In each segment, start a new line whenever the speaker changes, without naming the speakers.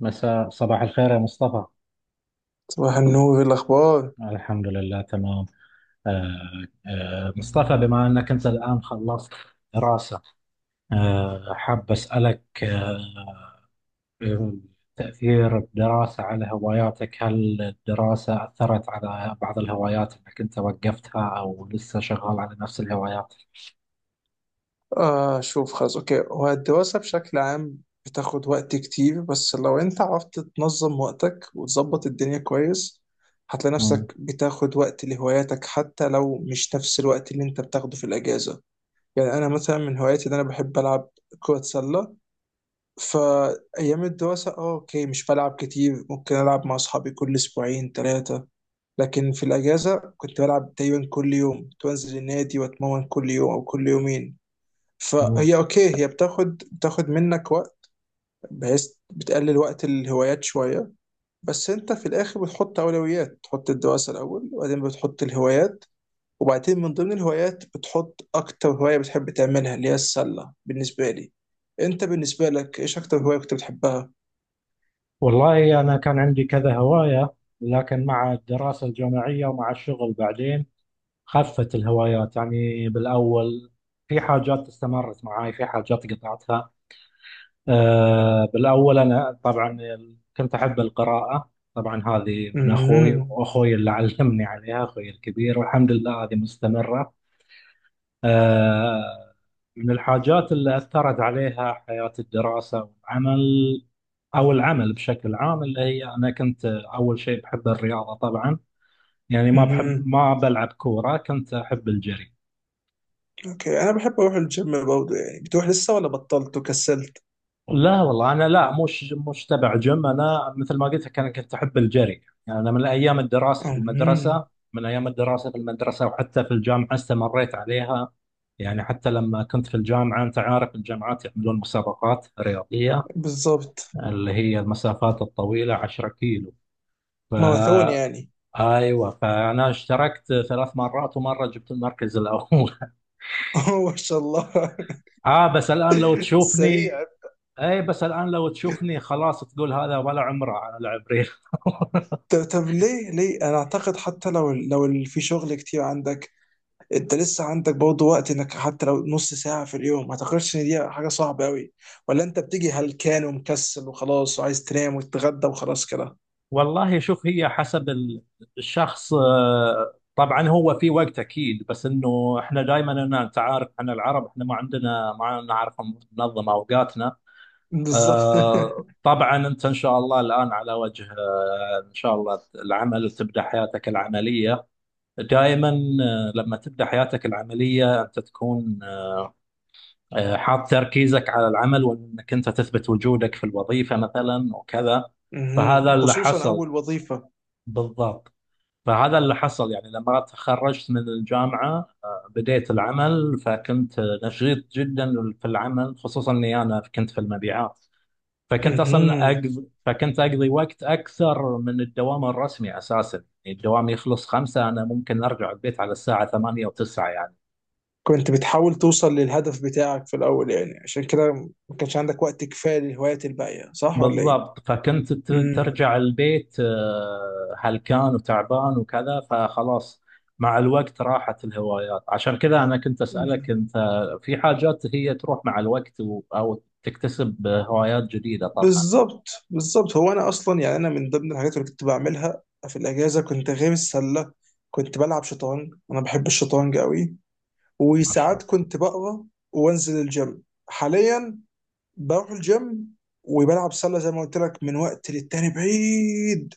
صباح الخير يا مصطفى.
وهنو إيه الأخبار؟
الحمد لله تمام. آه، مصطفى، بما أنك أنت الآن خلصت دراسة، حاب أسألك آه، تأثير الدراسة على هواياتك. هل الدراسة أثرت على بعض الهوايات أنك أنت وقفتها أو لسه شغال على نفس الهوايات؟
شوف، خلاص، أوكي. هو الدراسة بشكل عام بتاخد وقت كتير، بس لو أنت عرفت تنظم وقتك وتظبط الدنيا كويس، هتلاقي
مم.
نفسك بتاخد وقت لهواياتك، حتى لو مش نفس الوقت اللي أنت بتاخده في الأجازة. يعني أنا مثلا من هواياتي إن أنا بحب ألعب كرة سلة. فأيام الدراسة، أوكي، مش بلعب كتير، ممكن ألعب مع أصحابي كل أسبوعين ثلاثة، لكن في الأجازة كنت بلعب تقريبا كل يوم، كنت بنزل النادي وأتمرن كل يوم أو كل يومين.
مم.
فهي اوكي، هي بتاخد منك وقت، بحيث بتقلل وقت الهوايات شويه. بس انت في الاخر بتحط اولويات، تحط الدراسه الاول وبعدين بتحط الهوايات، وبعدين من ضمن الهوايات بتحط اكتر هوايه بتحب تعملها اللي هي السله بالنسبه لي. انت بالنسبه لك ايش اكتر هوايه كنت بتحبها؟
والله أنا كان عندي كذا هواية، لكن مع الدراسة الجامعية ومع الشغل بعدين خفت الهوايات يعني بالأول. في حاجات استمرت معاي، في حاجات قطعتها. أه، بالأول أنا طبعا كنت أحب القراءة، طبعا هذه من أخوي،
مهم.
وأخوي اللي علمني عليها أخوي الكبير، والحمد لله هذه مستمرة. أه، من الحاجات اللي أثرت عليها حياة الدراسة والعمل، أو العمل بشكل عام، اللي هي أنا كنت أول شيء بحب الرياضة طبعا، يعني ما بحب
مهم.
ما بلعب كورة، كنت أحب الجري.
اوكي، انا بحب اروح الجيم برضه. يعني بتروح لسه ولا بطلت وكسلت؟
لا والله انا لا، مش تبع جيم. انا مثل ما قلت لك انا كنت احب الجري، يعني انا من ايام الدراسه في المدرسه،
مهم.
من ايام الدراسه في المدرسه وحتى في الجامعه استمريت عليها. يعني حتى لما كنت في الجامعه انت عارف الجامعات يعملون مسابقات رياضيه،
بالظبط.
اللي هي المسافات الطويله 10 كيلو. ف
ماراثون يعني.
ايوه، فانا اشتركت 3 مرات ومره جبت المركز الاول.
ما شاء الله.
اه بس الان لو تشوفني.
سريع.
اي، بس الان لو تشوفني خلاص تقول هذا ولا عمره على لعب ريل.
طب ليه انا اعتقد حتى لو ال- في شغل كتير عندك، انت لسه عندك برضه وقت، انك حتى لو نص ساعة في اليوم، ما اعتقدش ان دي حاجة صعبة قوي. ولا انت بتيجي هلكان ومكسل وخلاص، وعايز تنام وتتغدى وخلاص كده؟
والله شوف، هي حسب الشخص. طبعا هو في وقت اكيد، بس انه احنا دائما، انا انت عارف احنا العرب احنا ما عندنا ما نعرف ننظم اوقاتنا.
بالظبط.
طبعا انت ان شاء الله الان على وجه، ان شاء الله العمل وتبدا حياتك العمليه دائما. لما تبدا حياتك العمليه انت تكون حاط تركيزك على العمل، وانك انت تثبت وجودك في الوظيفه مثلا وكذا. فهذا
مهم.
اللي
خصوصا
حصل.
اول وظيفة.
بالضبط. فهذا اللي حصل، يعني لما تخرجت من الجامعه بديت العمل، فكنت نشيط جدا في العمل، خصوصا اني انا كنت في المبيعات.
مهم.
فكنت اقضي وقت اكثر من الدوام الرسمي اساسا. يعني الدوام يخلص خمسة، انا ممكن ارجع البيت على الساعه 8 او 9 يعني.
كنت بتحاول توصل للهدف بتاعك في الاول يعني، عشان كده ما كانش عندك وقت كفاية للهوايات الباقية، صح ولا ايه؟
بالضبط، ترجع البيت هلكان وتعبان وكذا، فخلاص. مع الوقت راحت الهوايات، عشان كذا أنا كنت أسألك
مم.
أنت، في حاجات هي تروح مع الوقت، أو تكتسب هوايات جديدة طبعا.
بالظبط، بالظبط. هو انا اصلا يعني انا من ضمن الحاجات اللي كنت بعملها في الاجازه، كنت غير السله كنت بلعب شطرنج، انا بحب الشطرنج قوي،
أشرف.
وساعات كنت بقرا وانزل الجيم. حاليا بروح الجيم وبلعب سله زي ما قلت لك من وقت للتاني بعيد،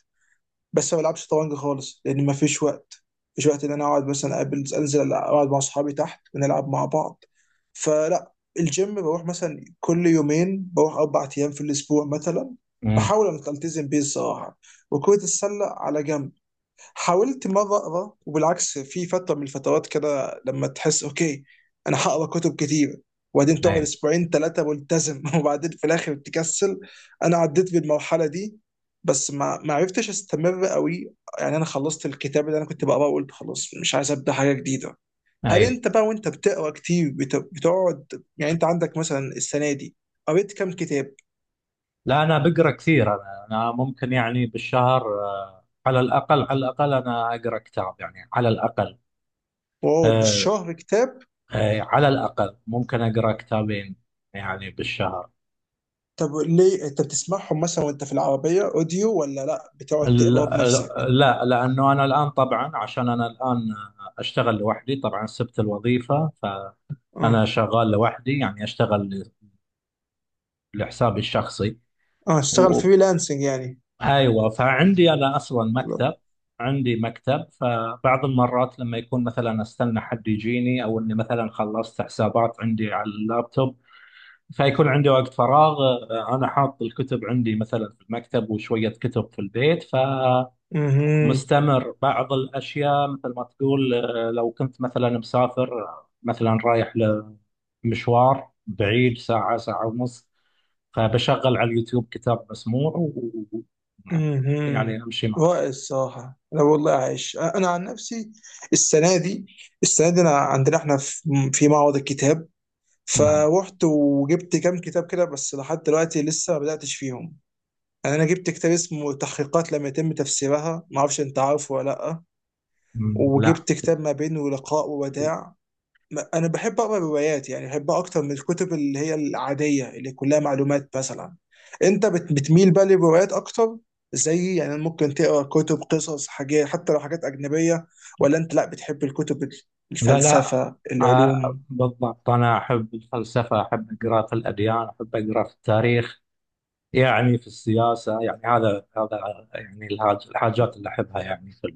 بس ما بلعبش شطرنج خالص لان ما فيش وقت. مفيش وقت ان انا اقعد مثلا اقابل، انزل اقعد مع اصحابي تحت ونلعب مع بعض، فلا. الجيم بروح مثلا كل يومين، بروح اربع ايام في الاسبوع مثلا،
امم.
بحاول ان التزم بيه الصراحه. وكرة السله على جنب. حاولت مره اقرا وبالعكس في فتره من الفترات كده، لما تحس اوكي انا هقرا كتب كتير، وبعدين تقعد
أيوه.
اسبوعين ثلاثه ملتزم وبعدين في الاخر تكسل. انا عديت بالمرحله دي، بس ما عرفتش استمر قوي. يعني انا خلصت الكتاب اللي انا كنت بقراه وقلت خلاص مش عايز ابدا حاجه جديده. هل
أيوه.
انت بقى وانت بتقرا كتير بتقعد، يعني انت عندك مثلا السنه دي قريت كام كتاب؟
لا، أنا بقرأ كثير، أنا ممكن يعني بالشهر، على الأقل، على الأقل أنا أقرأ كتاب، يعني على الأقل.
واو،
آه،
بالشهر كتاب.
على الأقل ممكن أقرأ كتابين يعني بالشهر.
طب ليه، انت بتسمعهم مثلا وانت في العربية اوديو، ولا لا بتقعد
ال-
تقراه بنفسك؟
لا، لأنه أنا الآن طبعا، عشان أنا الآن أشتغل لوحدي، طبعا سبت الوظيفة،
اه.
فأنا شغال لوحدي، يعني أشتغل لحسابي الشخصي.
اه، اشتغل
و...
فريلانسنج يعني.
أيوة، فعندي أنا أصلا مكتب، عندي مكتب، فبعض المرات لما يكون مثلا أستنى حد يجيني، أو إني مثلا خلصت حسابات عندي على اللابتوب، فيكون عندي وقت فراغ. أنا حاط الكتب عندي مثلا في المكتب وشوية كتب في البيت.
امم.
مستمر بعض الأشياء. مثل ما تقول لو كنت مثلا مسافر، مثلا رايح لمشوار بعيد ساعة، ساعة ونص. فبشغل على اليوتيوب كتاب مسموع و- يعني
امم.
أمشي معه.
رائع الصراحة. أنا والله عايش، أنا عن نفسي السنة دي، السنة دي أنا عندنا إحنا في في معرض الكتاب،
مع...
فروحت وجبت كام كتاب كده، بس لحد دلوقتي لسه ما بدأتش فيهم. يعني أنا جبت كتاب اسمه تحقيقات لم يتم تفسيرها، ما أعرفش أنت عارفه ولا لأ.
مم، لا.
وجبت كتاب ما بين ولقاء ووداع. انا بحب اقرا روايات، يعني بحبها اكتر من الكتب اللي هي العاديه اللي كلها معلومات مثلا. انت بتميل بقى للروايات اكتر؟ زي يعني ممكن تقرا كتب قصص، حاجات حتى لو حاجات اجنبيه، ولا انت لا بتحب الكتب ال-
لا لا
الفلسفه العلوم؟
بالضبط أنا أحب الفلسفة، أحب أقرأ في الأديان، أحب أقرأ في التاريخ، يعني في السياسة، يعني هذا هذا يعني الحاجات اللي أحبها يعني في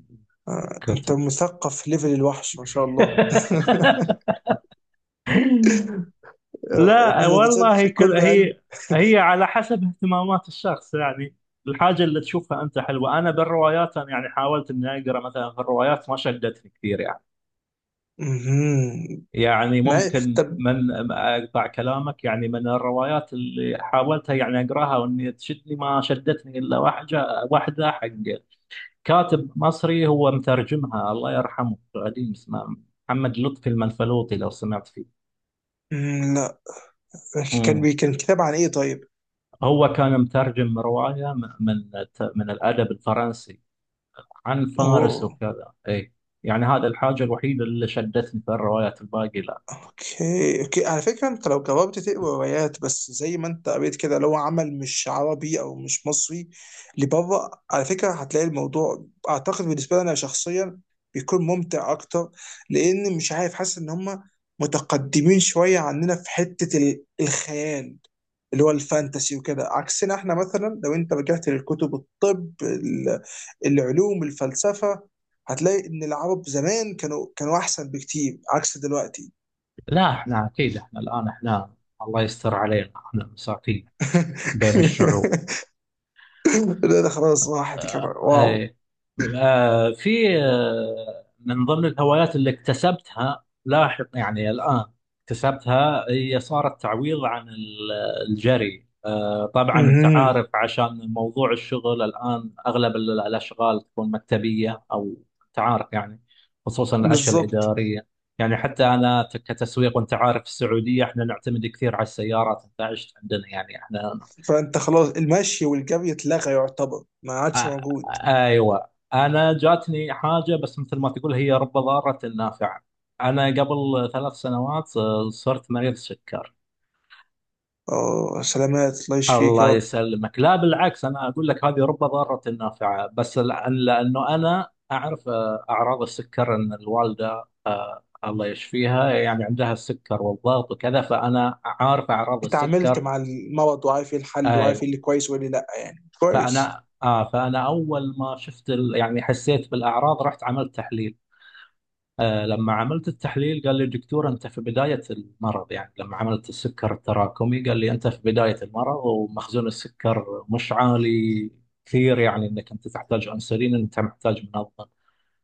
آه، انت
الكتب.
مثقف ليفل الوحش، ما شاء الله. آه،
لا
مش
والله،
بتصير.
كل
كله قلب.
هي، هي على حسب اهتمامات الشخص، يعني الحاجة اللي تشوفها أنت حلوة. أنا بالروايات، أنا يعني حاولت إني أقرأ مثلا في الروايات، ما شدتني كثير يعني.
مهم.
يعني
ما
ممكن
طب.
من أقطع كلامك، يعني من الروايات اللي حاولتها يعني أقرأها وإني تشدني، ما شدتني إلا واحدة، واحدة حق كاتب مصري هو مترجمها الله يرحمه، قديم، اسمه محمد لطفي المنفلوطي، لو سمعت فيه.
مم، لا. كان
مم.
بي كان كتاب عن ايه طيب؟
هو كان مترجم رواية من الأدب الفرنسي، عن فارس
اوه.
وكذا، إي. يعني هذا الحاجة الوحيدة اللي شدتني في الروايات، الباقي لا.
اوكي اوكي، على فكره انت لو جربت تقرا روايات بس زي ما انت قريت كده، لو عمل مش عربي او مش مصري، لبره، على فكره هتلاقي الموضوع اعتقد بالنسبه لي انا شخصيا بيكون ممتع اكتر، لان مش عارف، حاسس ان هم متقدمين شويه عننا في حته ال- الخيال اللي هو الفانتسي وكده، عكسنا احنا. مثلا لو انت رجعت للكتب الطب ال- العلوم الفلسفه، هتلاقي ان العرب زمان كانوا احسن بكتير عكس دلوقتي.
لا إحنا أكيد، إحنا الآن إحنا الله يستر علينا، إحنا مساكين بين الشعوب.
لا، ده خلاص راحت، كان واو.
اي، في من ضمن الهوايات اللي اكتسبتها لاحق، يعني الآن اكتسبتها، هي صارت تعويض عن الجري. طبعا انت
اها.
عارف عشان موضوع الشغل الآن اغلب الاشغال تكون مكتبية او انت عارف يعني، خصوصا الاشياء
بالظبط،
الإدارية. يعني حتى انا كتسويق، وانت عارف في السعودية احنا نعتمد كثير على السيارات، انت عشت عندنا يعني احنا
فانت خلاص المشي والجري اتلغى، يعتبر ما
آ-
عادش موجود.
ايوه انا جاتني حاجه، بس مثل ما تقول هي رب ضاره نافعه. انا قبل 3 سنوات صرت مريض سكر.
اه، سلامات، الله يشفيك يا
الله
رب.
يسلمك، لا بالعكس، انا اقول لك هذه رب ضاره نافعه، بس لانه انا اعرف اعراض السكر، ان الوالده الله يشفيها يعني عندها السكر والضغط وكذا، فانا عارف اعراض
اتعاملت
السكر.
مع المرض وعارف ايه الحل، وعارف
ايوه.
ايه اللي كويس وايه اللي لا، يعني كويس.
فانا اول ما شفت يعني حسيت بالاعراض، رحت عملت تحليل. لما عملت التحليل قال لي الدكتور انت في بدايه المرض، يعني لما عملت السكر التراكمي قال لي انت في بدايه المرض ومخزون السكر مش عالي كثير، يعني انك انت تحتاج انسولين، انت محتاج منظم.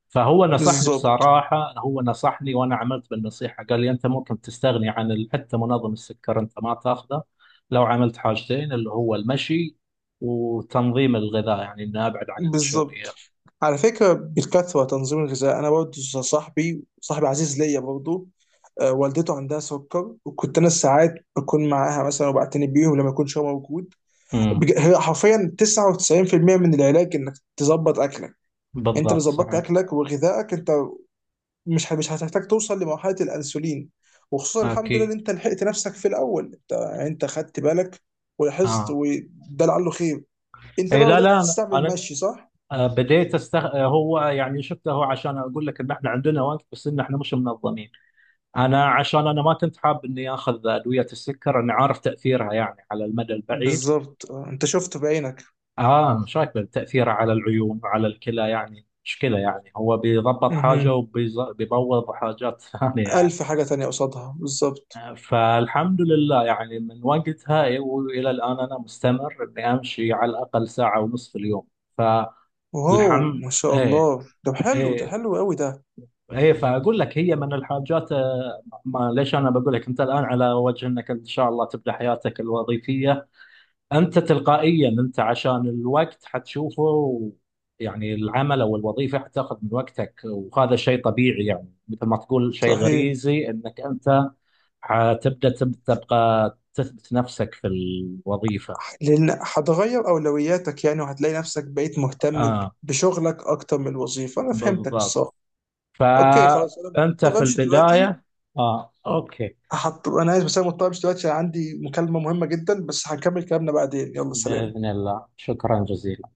فهو نصحني
بالظبط.
بصراحه، هو نصحني وانا عملت بالنصيحه، قال لي انت ممكن تستغني عن حتى منظم السكر، انت ما تاخذه لو عملت حاجتين، اللي هو المشي وتنظيم الغذاء، يعني اني ابعد عن النشويات.
بالظبط، على فكره بالكثره تنظيم الغذاء. انا برضه صاحبي، صاحبي عزيز ليا برضه، آه، والدته عندها سكر، وكنت انا ساعات بكون معاها مثلا وبعتني بيهم لما يكونش هو موجود.
امم.
هي حرفيا 99% من العلاج انك تظبط اكلك. انت لو
بالضبط
ظبطت
صحيح.
اكلك وغذائك، انت مش هتحتاج توصل لمرحله الانسولين. وخصوصا الحمد لله ان
اكيد.
انت لحقت نفسك في الاول، انت يعني انت خدت بالك ولاحظت،
اه.
وده لعله خير. انت
اي،
بقى
لا
بدات
لا،
تستعمل المشي، صح؟
بديت استغ... آه، هو يعني شفته، هو عشان اقول لك ان احنا عندنا وقت بس ان احنا مش منظمين. انا عشان انا ما كنت حاب اني اخذ ادويه السكر، انا عارف تاثيرها يعني على المدى البعيد.
بالظبط. آه، انت شفت بعينك.
اه، مشاكل تاثيرها على العيون وعلى الكلى يعني مشكله، يعني هو بيضبط حاجه
مهم.
وبيبوظ حاجات ثانيه يعني.
الف حاجه تانية قصادها بالظبط.
فالحمد لله يعني من وقتها والى الان انا مستمر اني امشي على الاقل ساعه ونص في اليوم.
واو
فالحمد
ما شاء الله،
ايه
ده حلو، ده
إيه،
حلو قوي ده.
ايه فاقول لك هي من الحاجات. ما ليش، انا بقول لك انت الان على وجه انك ان شاء الله تبدا حياتك الوظيفيه، انت تلقائيا انت عشان الوقت حتشوفه، يعني العمل او الوظيفه حتاخذ من وقتك، وهذا شيء طبيعي، يعني مثل ما تقول شيء
صحيح.
غريزي انك انت حتبدا تبقى تثبت نفسك في الوظيفه.
لان هتغير اولوياتك يعني، وهتلاقي نفسك بقيت مهتم ب-
اه
بشغلك اكتر من الوظيفه. انا فهمتك
بالضبط.
الصراحه. اوكي خلاص، انا
فانت
مضطر
في
امشي دلوقتي.
البدايه. اه اوكي.
هحط، انا اسف بس انا مضطر امشي دلوقتي عشان عندي مكالمه مهمه جدا، بس هنكمل كلامنا بعدين. يلا سلام.
باذن الله، شكرا جزيلا.